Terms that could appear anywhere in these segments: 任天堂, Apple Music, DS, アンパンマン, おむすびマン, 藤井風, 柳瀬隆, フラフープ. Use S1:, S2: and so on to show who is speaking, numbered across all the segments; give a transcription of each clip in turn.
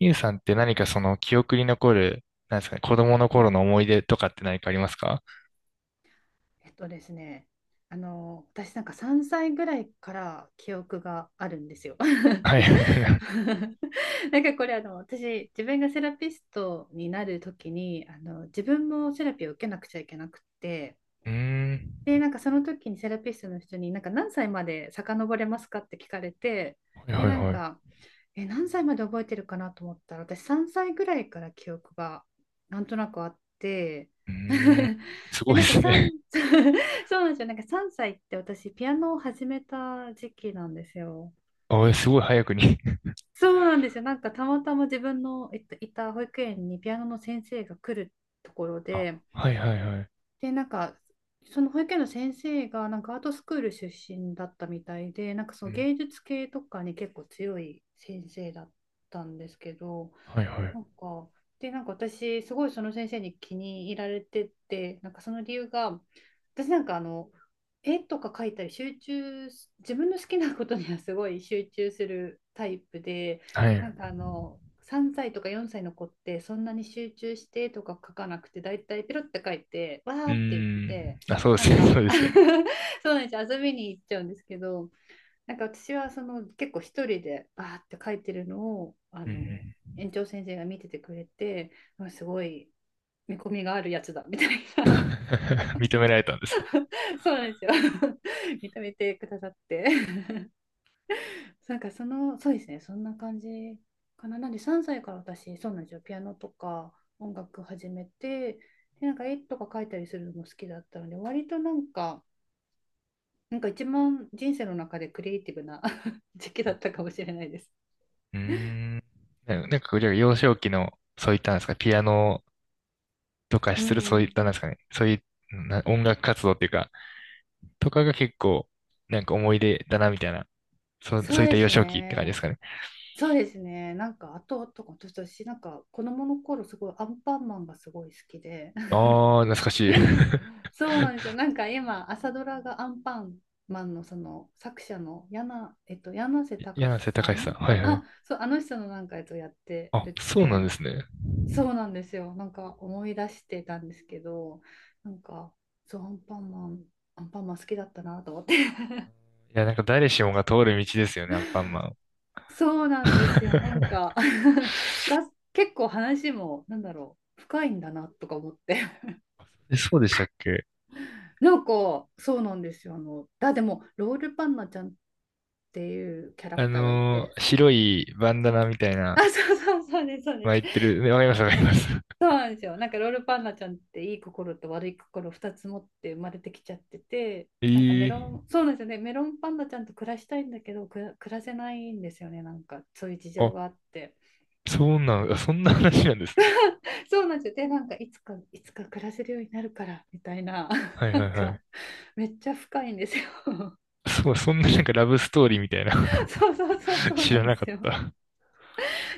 S1: ゆうさんってその記憶に残る、なんですかね、子供の頃の思い出とかって何かありますか？
S2: えっとですね、あの、私なんか3歳ぐらいから記憶があるんですよ。
S1: はい。
S2: なんかこれ私、自分がセラピストになる時に、自分もセラピーを受けなくちゃいけなくって、
S1: うーん。
S2: で、なんかその時にセラピストの人に、なんか何歳まで遡れますかって聞かれて、
S1: はいは
S2: で、
S1: い
S2: なん
S1: はい。う
S2: か、え、何歳まで覚えてるかなと思ったら、私3歳ぐらいから記憶がなんとなくあって、
S1: ーん。す
S2: で、
S1: ごい
S2: な
S1: で
S2: んか
S1: すね。
S2: 3、そうなんですよ。なんか3歳って私ピアノを始めた時期なんですよ。
S1: あ、えすごい早くに。
S2: そうなんですよ。なんかたまたま自分の、いた保育園にピアノの先生が来るところ
S1: あ、
S2: で、
S1: はいはいはい。
S2: で、なんかその保育園の先生がなんかアートスクール出身だったみたいで、なんかそ
S1: う
S2: の
S1: ん。
S2: 芸術系とかに結構強い先生だったんですけど、
S1: はいはい。
S2: なんか、で、なんか私、すごいその先生に気に入られてて、なんかその理由が、私なんか絵とか描いたり集中す、自分の好きなことにはすごい集中するタイプで、
S1: はい。
S2: なん
S1: う
S2: か3歳とか4歳の子ってそんなに集中してとか描かなくて、だいたいペロって描いて、わーって言っ
S1: ーん。
S2: て、
S1: あ、そうで
S2: なん
S1: すね。
S2: か
S1: そうですよね。
S2: そうなんですよ、遊びに行っちゃうんですけど、なんか私はその結構一人でバーって書いてるのを
S1: うん
S2: 園長先生が見ててくれて、あ、すごい見込みがあるやつだみたい
S1: うん。
S2: な。
S1: 認められたんですね。
S2: そうなんですよ。 認めてくださって。 なんか、その、そうですね、そんな感じかな。なんで3歳から私、そうなんですよ、ピアノとか音楽始めて、でなんか絵とか描いたりするのも好きだったので、割となんか一番人生の中でクリエイティブな 時期だったかもしれないです。
S1: うーん。なんか、じゃあ幼少期の、そういったなんですか、ピアノとか
S2: う
S1: する、そういっ
S2: ん、
S1: たなんですかね、そういうな音楽活動っていうか、とかが結構、なんか思い出だな、みたいな。そう、
S2: そ
S1: そ
S2: う
S1: ういっ
S2: で
S1: た幼
S2: す
S1: 少期って感じで
S2: ね。
S1: すかね？
S2: そうですね。なんか、あと、とか、私、なんか、子供の頃、すごい、アンパンマンがすごい好きで。
S1: ああ、懐かしい。
S2: そうなんですよ。なんか、今、朝ドラがアンパンマンの、その、作者の、柳瀬隆
S1: 柳瀬
S2: さ
S1: 隆さ
S2: ん、
S1: ん。は
S2: あ、
S1: いはい。
S2: あそう、あの人のなんか、やって
S1: あ、
S2: るっ
S1: そうなん
S2: て。
S1: ですね。
S2: そうなんですよ。なんか、思い出してたんですけど、なんか、そう、アンパンマン、アンパンマン好きだったなと思って。
S1: いや、なんか誰しもが通る道ですよね、アンパンマン。
S2: そうなんですよ。なんか 結構話も、なんだろう、深いんだなとか思って。
S1: えそうでしたっけ？
S2: なんか、そうなんですよ。でも、ロールパンナちゃんっていうキャラ
S1: あ
S2: クターがい
S1: の
S2: て。
S1: ー白いバンダナみたい な、
S2: あ、そうそうそうです、そうです。
S1: 巻いてる。ねわかります、わかります。
S2: そうなんですよ。なんか、ロールパンナちゃんっていい心と悪い心2つ持って生まれてきちゃってて、なんかメロ
S1: ええ、
S2: ン、そうなんですよね。メロンパンナちゃんと暮らしたいんだけど、暮らせないんですよね。なんか、そういう事情
S1: あ、
S2: があって。
S1: そうなん、あそんな話なんですね。
S2: そうなんですよ。で、なんかいつか、いつか暮らせるようになるから、みたいな。
S1: はい
S2: な
S1: はい
S2: ん
S1: は
S2: か、
S1: い。
S2: めっちゃ深いんですよ。
S1: そう、そんななんかラブストーリーみたいな。
S2: そうそうそう、 そう
S1: 知
S2: な
S1: ら
S2: んで
S1: なか
S2: す
S1: っ
S2: よ。
S1: た。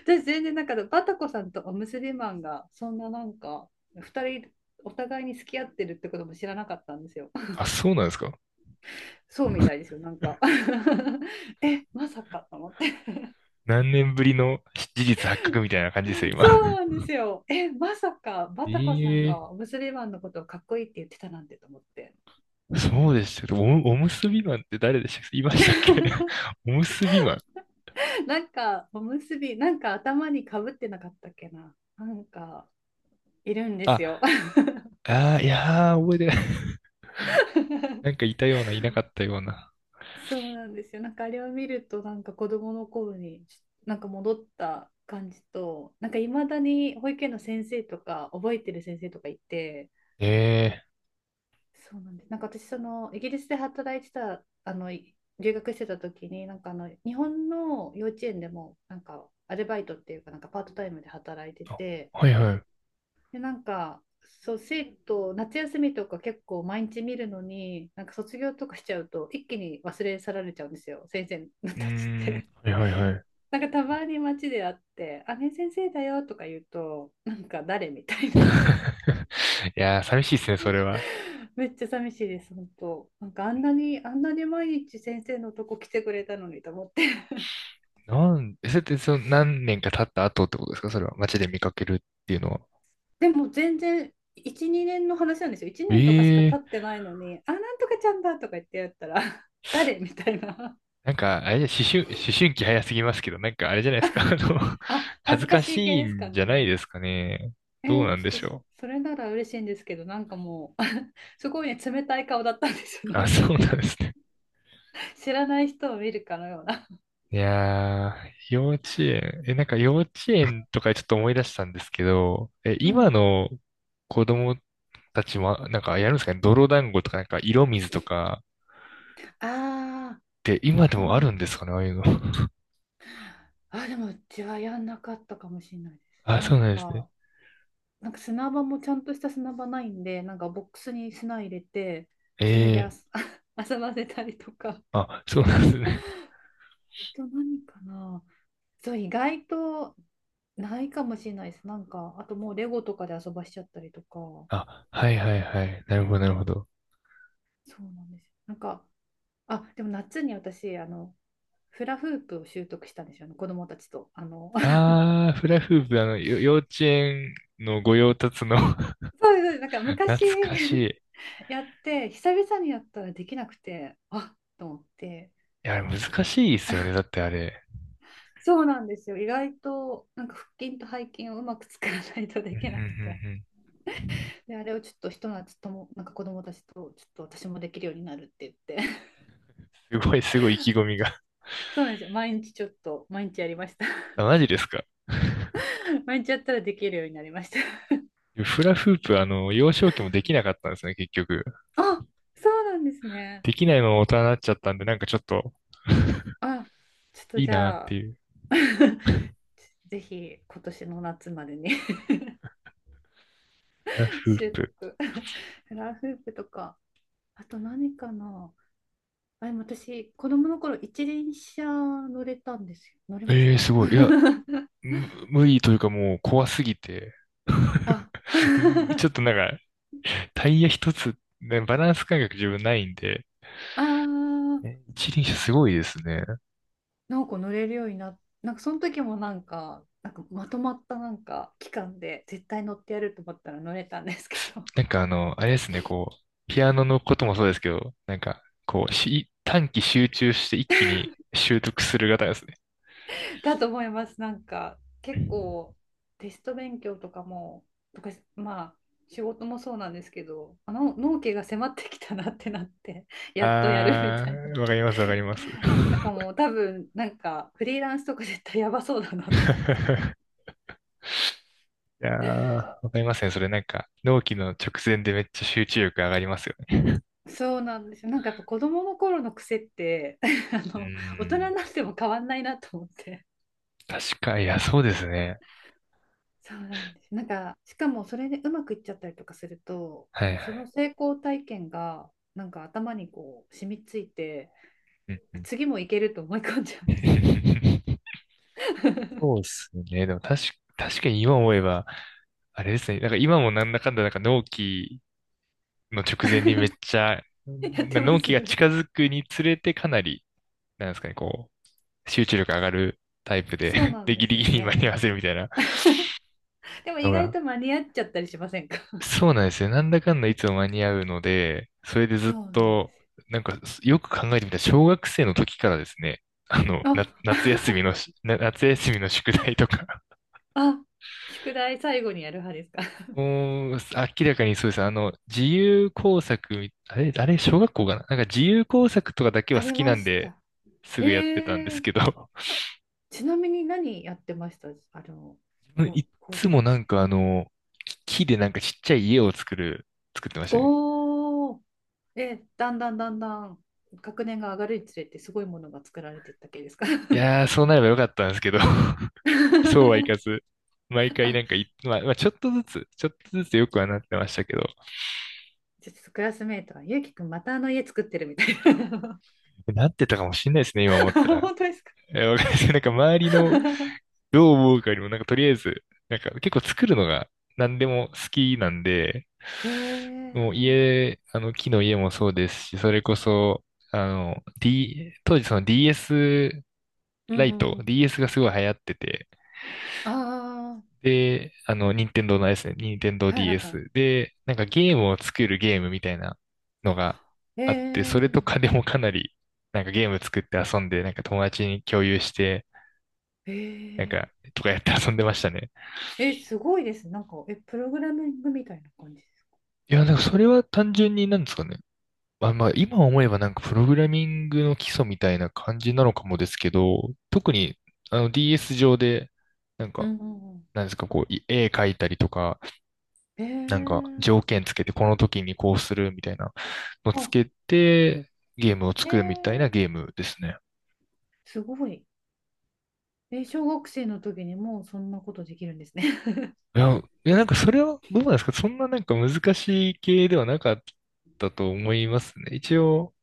S2: 私、全然なんか、バタコさんとおむすびマンが、そんななんか、二人、お互いに付き合ってるってことも知らなかったんですよ。
S1: あ、そうなんですか？
S2: そうみたいで すよ、なんか え、まさかと思って。
S1: 何年ぶりの事実発覚みたいな感じですよ、今。
S2: そ うなんですよ。え、まさか、バタコさん
S1: ええ、
S2: がおむすびマンのことをかっこいいって言ってたなんてと思って。
S1: そうでしたけど、お、おむすびマンって誰でしたっけ？いましたっけ？ おむすびマン。
S2: なんか、おむすび、なんか頭にかぶってなかったっけな。なんか、いるんで
S1: あ、
S2: すよ。
S1: あーいやー、覚えてない。なんか いたような、いなかったような。
S2: そうなんですよ。なんかあれを見ると、なんか子供の頃に、なんか戻った感じと、なんかいまだに保育園の先生とか、覚えてる先生とかいて、
S1: ええ、
S2: そうなんです。なんか私、その、イギリスで働いてた、留学してた時に、なんか日本の幼稚園でも、なんか、アルバイトっていうか、なんかパートタイムで働いて
S1: あ、
S2: て、
S1: はいはい。う
S2: で、なんか、そう、生徒、夏休みとか結構毎日見るのに、なんか卒業とかしちゃうと、一気に忘れ去られちゃうんですよ、先生
S1: ー
S2: たちっ
S1: ん、
S2: て。
S1: はいはいはい。
S2: なんかたまに街で会って、あ、ねえ先生だよとか言うと、なんか誰みたい な。
S1: いやー、寂しいですね、それは。
S2: めっちゃ寂しいです、本当。なんかあんなに、あんなに毎日先生のとこ来てくれたのにと思って。
S1: なん、えそれってその何年か経った後ってことですか、それは。街で見かけるっていうのは。
S2: でも全然、1、2年の話なんですよ。1年とかしか経っ
S1: ええ、
S2: てないのに、あ、なんとかちゃんだとか言ってやったら、誰みたいな。
S1: なんか、あれじゃ、思春期早すぎますけど、なんかあれじゃないですか、あの、
S2: あ、
S1: 恥
S2: 恥
S1: ず
S2: ずか
S1: か
S2: し
S1: し
S2: い系
S1: い
S2: ですか
S1: んじゃない
S2: ね。
S1: ですかね。どうな
S2: ち
S1: んで
S2: ょっ
S1: し
S2: と
S1: ょ
S2: それなら嬉しいんですけど、なんかもう すごいね、冷たい顔だったんですよ。
S1: う。
S2: な
S1: あ、
S2: ん
S1: そ
S2: か
S1: うなんですね。
S2: 知らない人を見るかのような。
S1: いやー、幼稚園、え、なんか幼稚園とかちょっと思い出したんですけど、え、
S2: う
S1: 今
S2: ん。
S1: の子供たちも、なんかやるんですかね、泥団子とか、なんか色水とか、
S2: あ
S1: って今で
S2: ー、あ
S1: もある
S2: ん、
S1: んですかね、ああいうの。
S2: でもうちはやんなかったかもしれないです。
S1: あ、
S2: な
S1: そう
S2: ん
S1: なんですね。
S2: か、砂場もちゃんとした砂場ないんで、なんかボックスに砂入れて、それで
S1: ええ、
S2: 遊ばせたりとか。あ
S1: あ、そうなんですね。
S2: と何かな。そう、意外とないかもしれないです。なんか、あともうレゴとかで遊ばしちゃったりとか。
S1: あ、はいはいはい。なるほど、なるほど。
S2: そうなんですよ。なんか、あ、でも夏に私、フラフープを習得したんですよね、子供たちと。
S1: あー、フラフープ、あの、よ幼稚園の御用達の。
S2: そうです、なんか昔
S1: 懐か し
S2: やって、久々にやったらできなくて、あ、と思って、
S1: い。いや、
S2: ちょっ
S1: 難
S2: と、
S1: しいですよね。だってあれ。
S2: そうなんですよ。意外と、なんか腹筋と背筋をうまく使わないと
S1: う
S2: で
S1: んう
S2: きなくて。
S1: んうんうん、
S2: で、あれをちょっとひと夏とも、なんか子供たちと、ちょっと私もできるようになるって言って。
S1: すごい、すごい意気込みが。
S2: そうなんですよ。毎日ちょっと、毎日やりました。
S1: あ、マジですか？
S2: 毎日やったらできるようになりました。
S1: フラフープ、あの、幼少期もできなかったんですね、結局。
S2: あ、そうなんですね。
S1: できないまま大人になっちゃったんで、なんかちょっと、
S2: あ、ちょっと
S1: いい
S2: じ
S1: なっ
S2: ゃ
S1: て
S2: あ、
S1: いう。
S2: ぜひ今年の夏までに
S1: フラ フー
S2: 習
S1: プ。
S2: 得。フラフープとか、あと何かな。あ、でも私、子供の頃一輪車乗れたんですよ。乗れまし
S1: ええー、
S2: た。
S1: すごい。いや、無理というかもう怖すぎて。
S2: あ、
S1: ちょっとなんか、タイヤ一つ、ね、バランス感覚自分ないんで、
S2: あー、
S1: え一輪車すごいですね。
S2: なんか乗れるようになっなんかその時もなんか、まとまったなんか期間で絶対乗ってやると思ったら乗れたんですけど、
S1: なんかあの、あれですね、こう、ピアノのこともそうですけど、なんか、こう、し、短期集中して一気に習得する方ですね。
S2: だと思います。なんか結構テスト勉強とかも、とかまあ仕事もそうなんですけど、あの納期が迫ってきたなってなって やっとやるみ
S1: あ
S2: たいな。
S1: ー、わかります、わかります。
S2: だからもう多分なんかフリーランスとか絶対やばそうだなと思って。
S1: いやー、わかりますね。それなんか、納期の直前でめっちゃ集中力上がりますよね。
S2: そうなんですよ。なんかやっぱ子供の頃の癖って あ
S1: うー
S2: の大人
S1: ん、
S2: になっても変わんないなと思って。
S1: 確か、いや、そうですね。
S2: そうなんです。なんか、しかもそれでうまくいっちゃったりとかすると、
S1: は
S2: も
S1: い
S2: う
S1: は
S2: その
S1: い。
S2: 成功体験が、なんか頭にこう、染みついて、
S1: うんうん。
S2: 次もいけると思い込んじゃうんですよね。
S1: そうで すね。でも確かに今思えば、あれですね。なんか今もなんだかんだなんか納期の直前にめっちゃ、
S2: やっ
S1: な
S2: てま
S1: 納
S2: す。
S1: 期が近 づくにつれてかなり、なんですかね、こう、集中力上がるタイプで、
S2: そう なん
S1: で、
S2: で
S1: ギ
S2: す
S1: リギ
S2: よ
S1: リに間に合わ
S2: ね。
S1: せるみたいな
S2: でも
S1: の
S2: 意外
S1: が。
S2: と間に合っちゃったりしませんか？
S1: そうなんですよ。なんだかんだいつも間に合うので、それでずっ
S2: そうなんで
S1: と、
S2: すよ。
S1: なんかよく考えてみたら小学生の時からですね、あの、
S2: あ、
S1: な、夏休みのし、な夏休みの宿題とか、
S2: あ、宿題最後にやる派ですか？
S1: もう、明らかにそうです。あの、自由工作み、あれ、あれ、小学校かな、なんか自由工作とかだけ
S2: あ
S1: は好
S2: り
S1: き
S2: ま
S1: なん
S2: し
S1: で、
S2: た。
S1: す
S2: え
S1: ぐやってたんです
S2: ー、
S1: けど、
S2: ちなみに何やってました、こ
S1: い
S2: う
S1: っ
S2: 工
S1: つ
S2: 作
S1: もな
S2: 系。
S1: んかあの、木でなんかちっちゃい家を作る、作ってましたね。
S2: お、で、だんだんだんだん学年が上がるにつれてすごいものが作られてったけですか？
S1: いやー、そうなればよかったんですけど、そうはいか ず、毎回
S2: あ、
S1: なんかい、まあ、まあ、ちょっとずつ、ちょっとずつよくはなってましたけど、
S2: ちょっとクラスメイトが、ゆうきくんまたあの家作ってるみたいな。
S1: なってたかもしれないですね、今思った ら。
S2: 本当ですか？
S1: え、わかんないです。なんか周りの どう思うかよりも、なんかとりあえず、なんか結構作るのが何でも好きなんで、
S2: え
S1: もう
S2: ー、
S1: 家、あの木の家もそうですし、それこそ、当時その DS
S2: う
S1: ラ
S2: んう
S1: イト、
S2: んうん。
S1: DS がすごい流行ってて、
S2: あ
S1: で、あの、任天堂のあれですね、任天堂
S2: あ、はいはいは
S1: DS で、なんかゲームを作るゲームみたいなのが
S2: い。
S1: あって、それと
S2: え
S1: かでもかなり、なんかゲーム作って遊んで、なんか友達に共有して、
S2: ー、
S1: なんか、
S2: え
S1: とかやって遊んでましたね。
S2: ー、え、すごいです。なんか、え、プログラミングみたいな感じですか？
S1: いや、なんかそれは単純になんですかね。まあまあ、今思えばなんかプログラミングの基礎みたいな感じなのかもですけど、特にあの DS 上で、なん
S2: う
S1: か、
S2: んうんうん。
S1: なんですか、こう、い絵描いたりとか、
S2: え
S1: なんか
S2: ー、
S1: 条件つけてこの時にこうするみたいなのつ
S2: あ、
S1: けて、ゲームを
S2: えー、
S1: 作るみたいなゲームですね。
S2: すごい。え、小学生の時にもうそんなことできるんですね。
S1: いやなんかそれはどうなんですか、そんななんか難しい系ではなかったと思いますね。一応、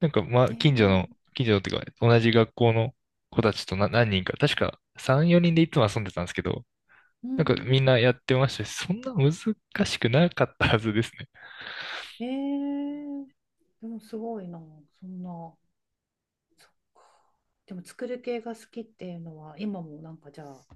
S1: なんか、まあ、
S2: ええ、
S1: 近所のっていうか、同じ学校の子たちとな何人か、確か3、4人でいつも遊んでたんですけど、
S2: う
S1: なんかみん
S2: ん。
S1: なやってましたし、そんな難しくなかったはずですね。
S2: ええ、でもすごいな、そんな、そっか。でも作る系が好きっていうのは、今もなんかじゃあ、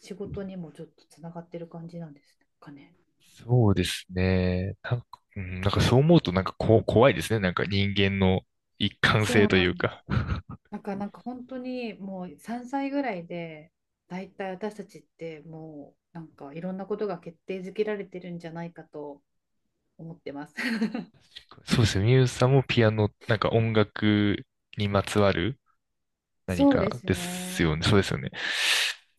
S2: 仕事にもちょっとつながってる感じなんですかね？
S1: そうですね。なんか、うん、なんかそう思うとなんかこ、怖いですね。なんか人間の一貫
S2: そ
S1: 性
S2: う
S1: とい
S2: な
S1: う
S2: んで
S1: か。
S2: すよ。なんか、本当にもう3歳ぐらいで、だいたい私たちってもう、なんかいろんなことが決定づけられてるんじゃないかと思ってます。
S1: そうですね。ミュウさんもピアノ、なんか音楽にまつわる何
S2: そうで
S1: か
S2: す
S1: ですよ
S2: ね。
S1: ね。そうですよね。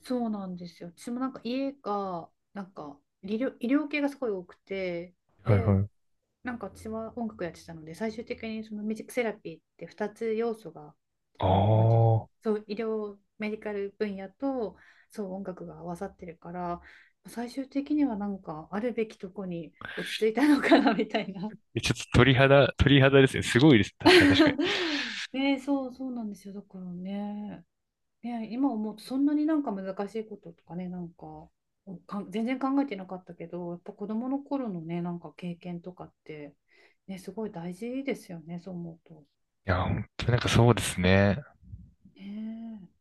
S2: そうなんですよ。私もなんか家が、なんか医療系がすごい多くて、
S1: はい
S2: で、
S1: はい。
S2: なんか私は音楽やってたので、最終的にそのミュージックセラピーって2つ要素が、
S1: あ
S2: なんていうんですか、
S1: あ。
S2: そう、医療、メディカル分野と、そう、音楽が合わさってるから、最終的にはなんかあるべきとこに落ち着いたのかなみたいな。
S1: えちょっと鳥肌ですね。すごいです。確かに。い
S2: ね、そう、そうなんですよ。だからね、ね、今思うとそんなになんか難しいこととかね、なんか、全然考えてなかったけど、やっぱ子供の頃のね、なんか経験とかって、ね、すごい大事ですよね、そう思うと。
S1: や、本当になんかそうですね。
S2: ねえ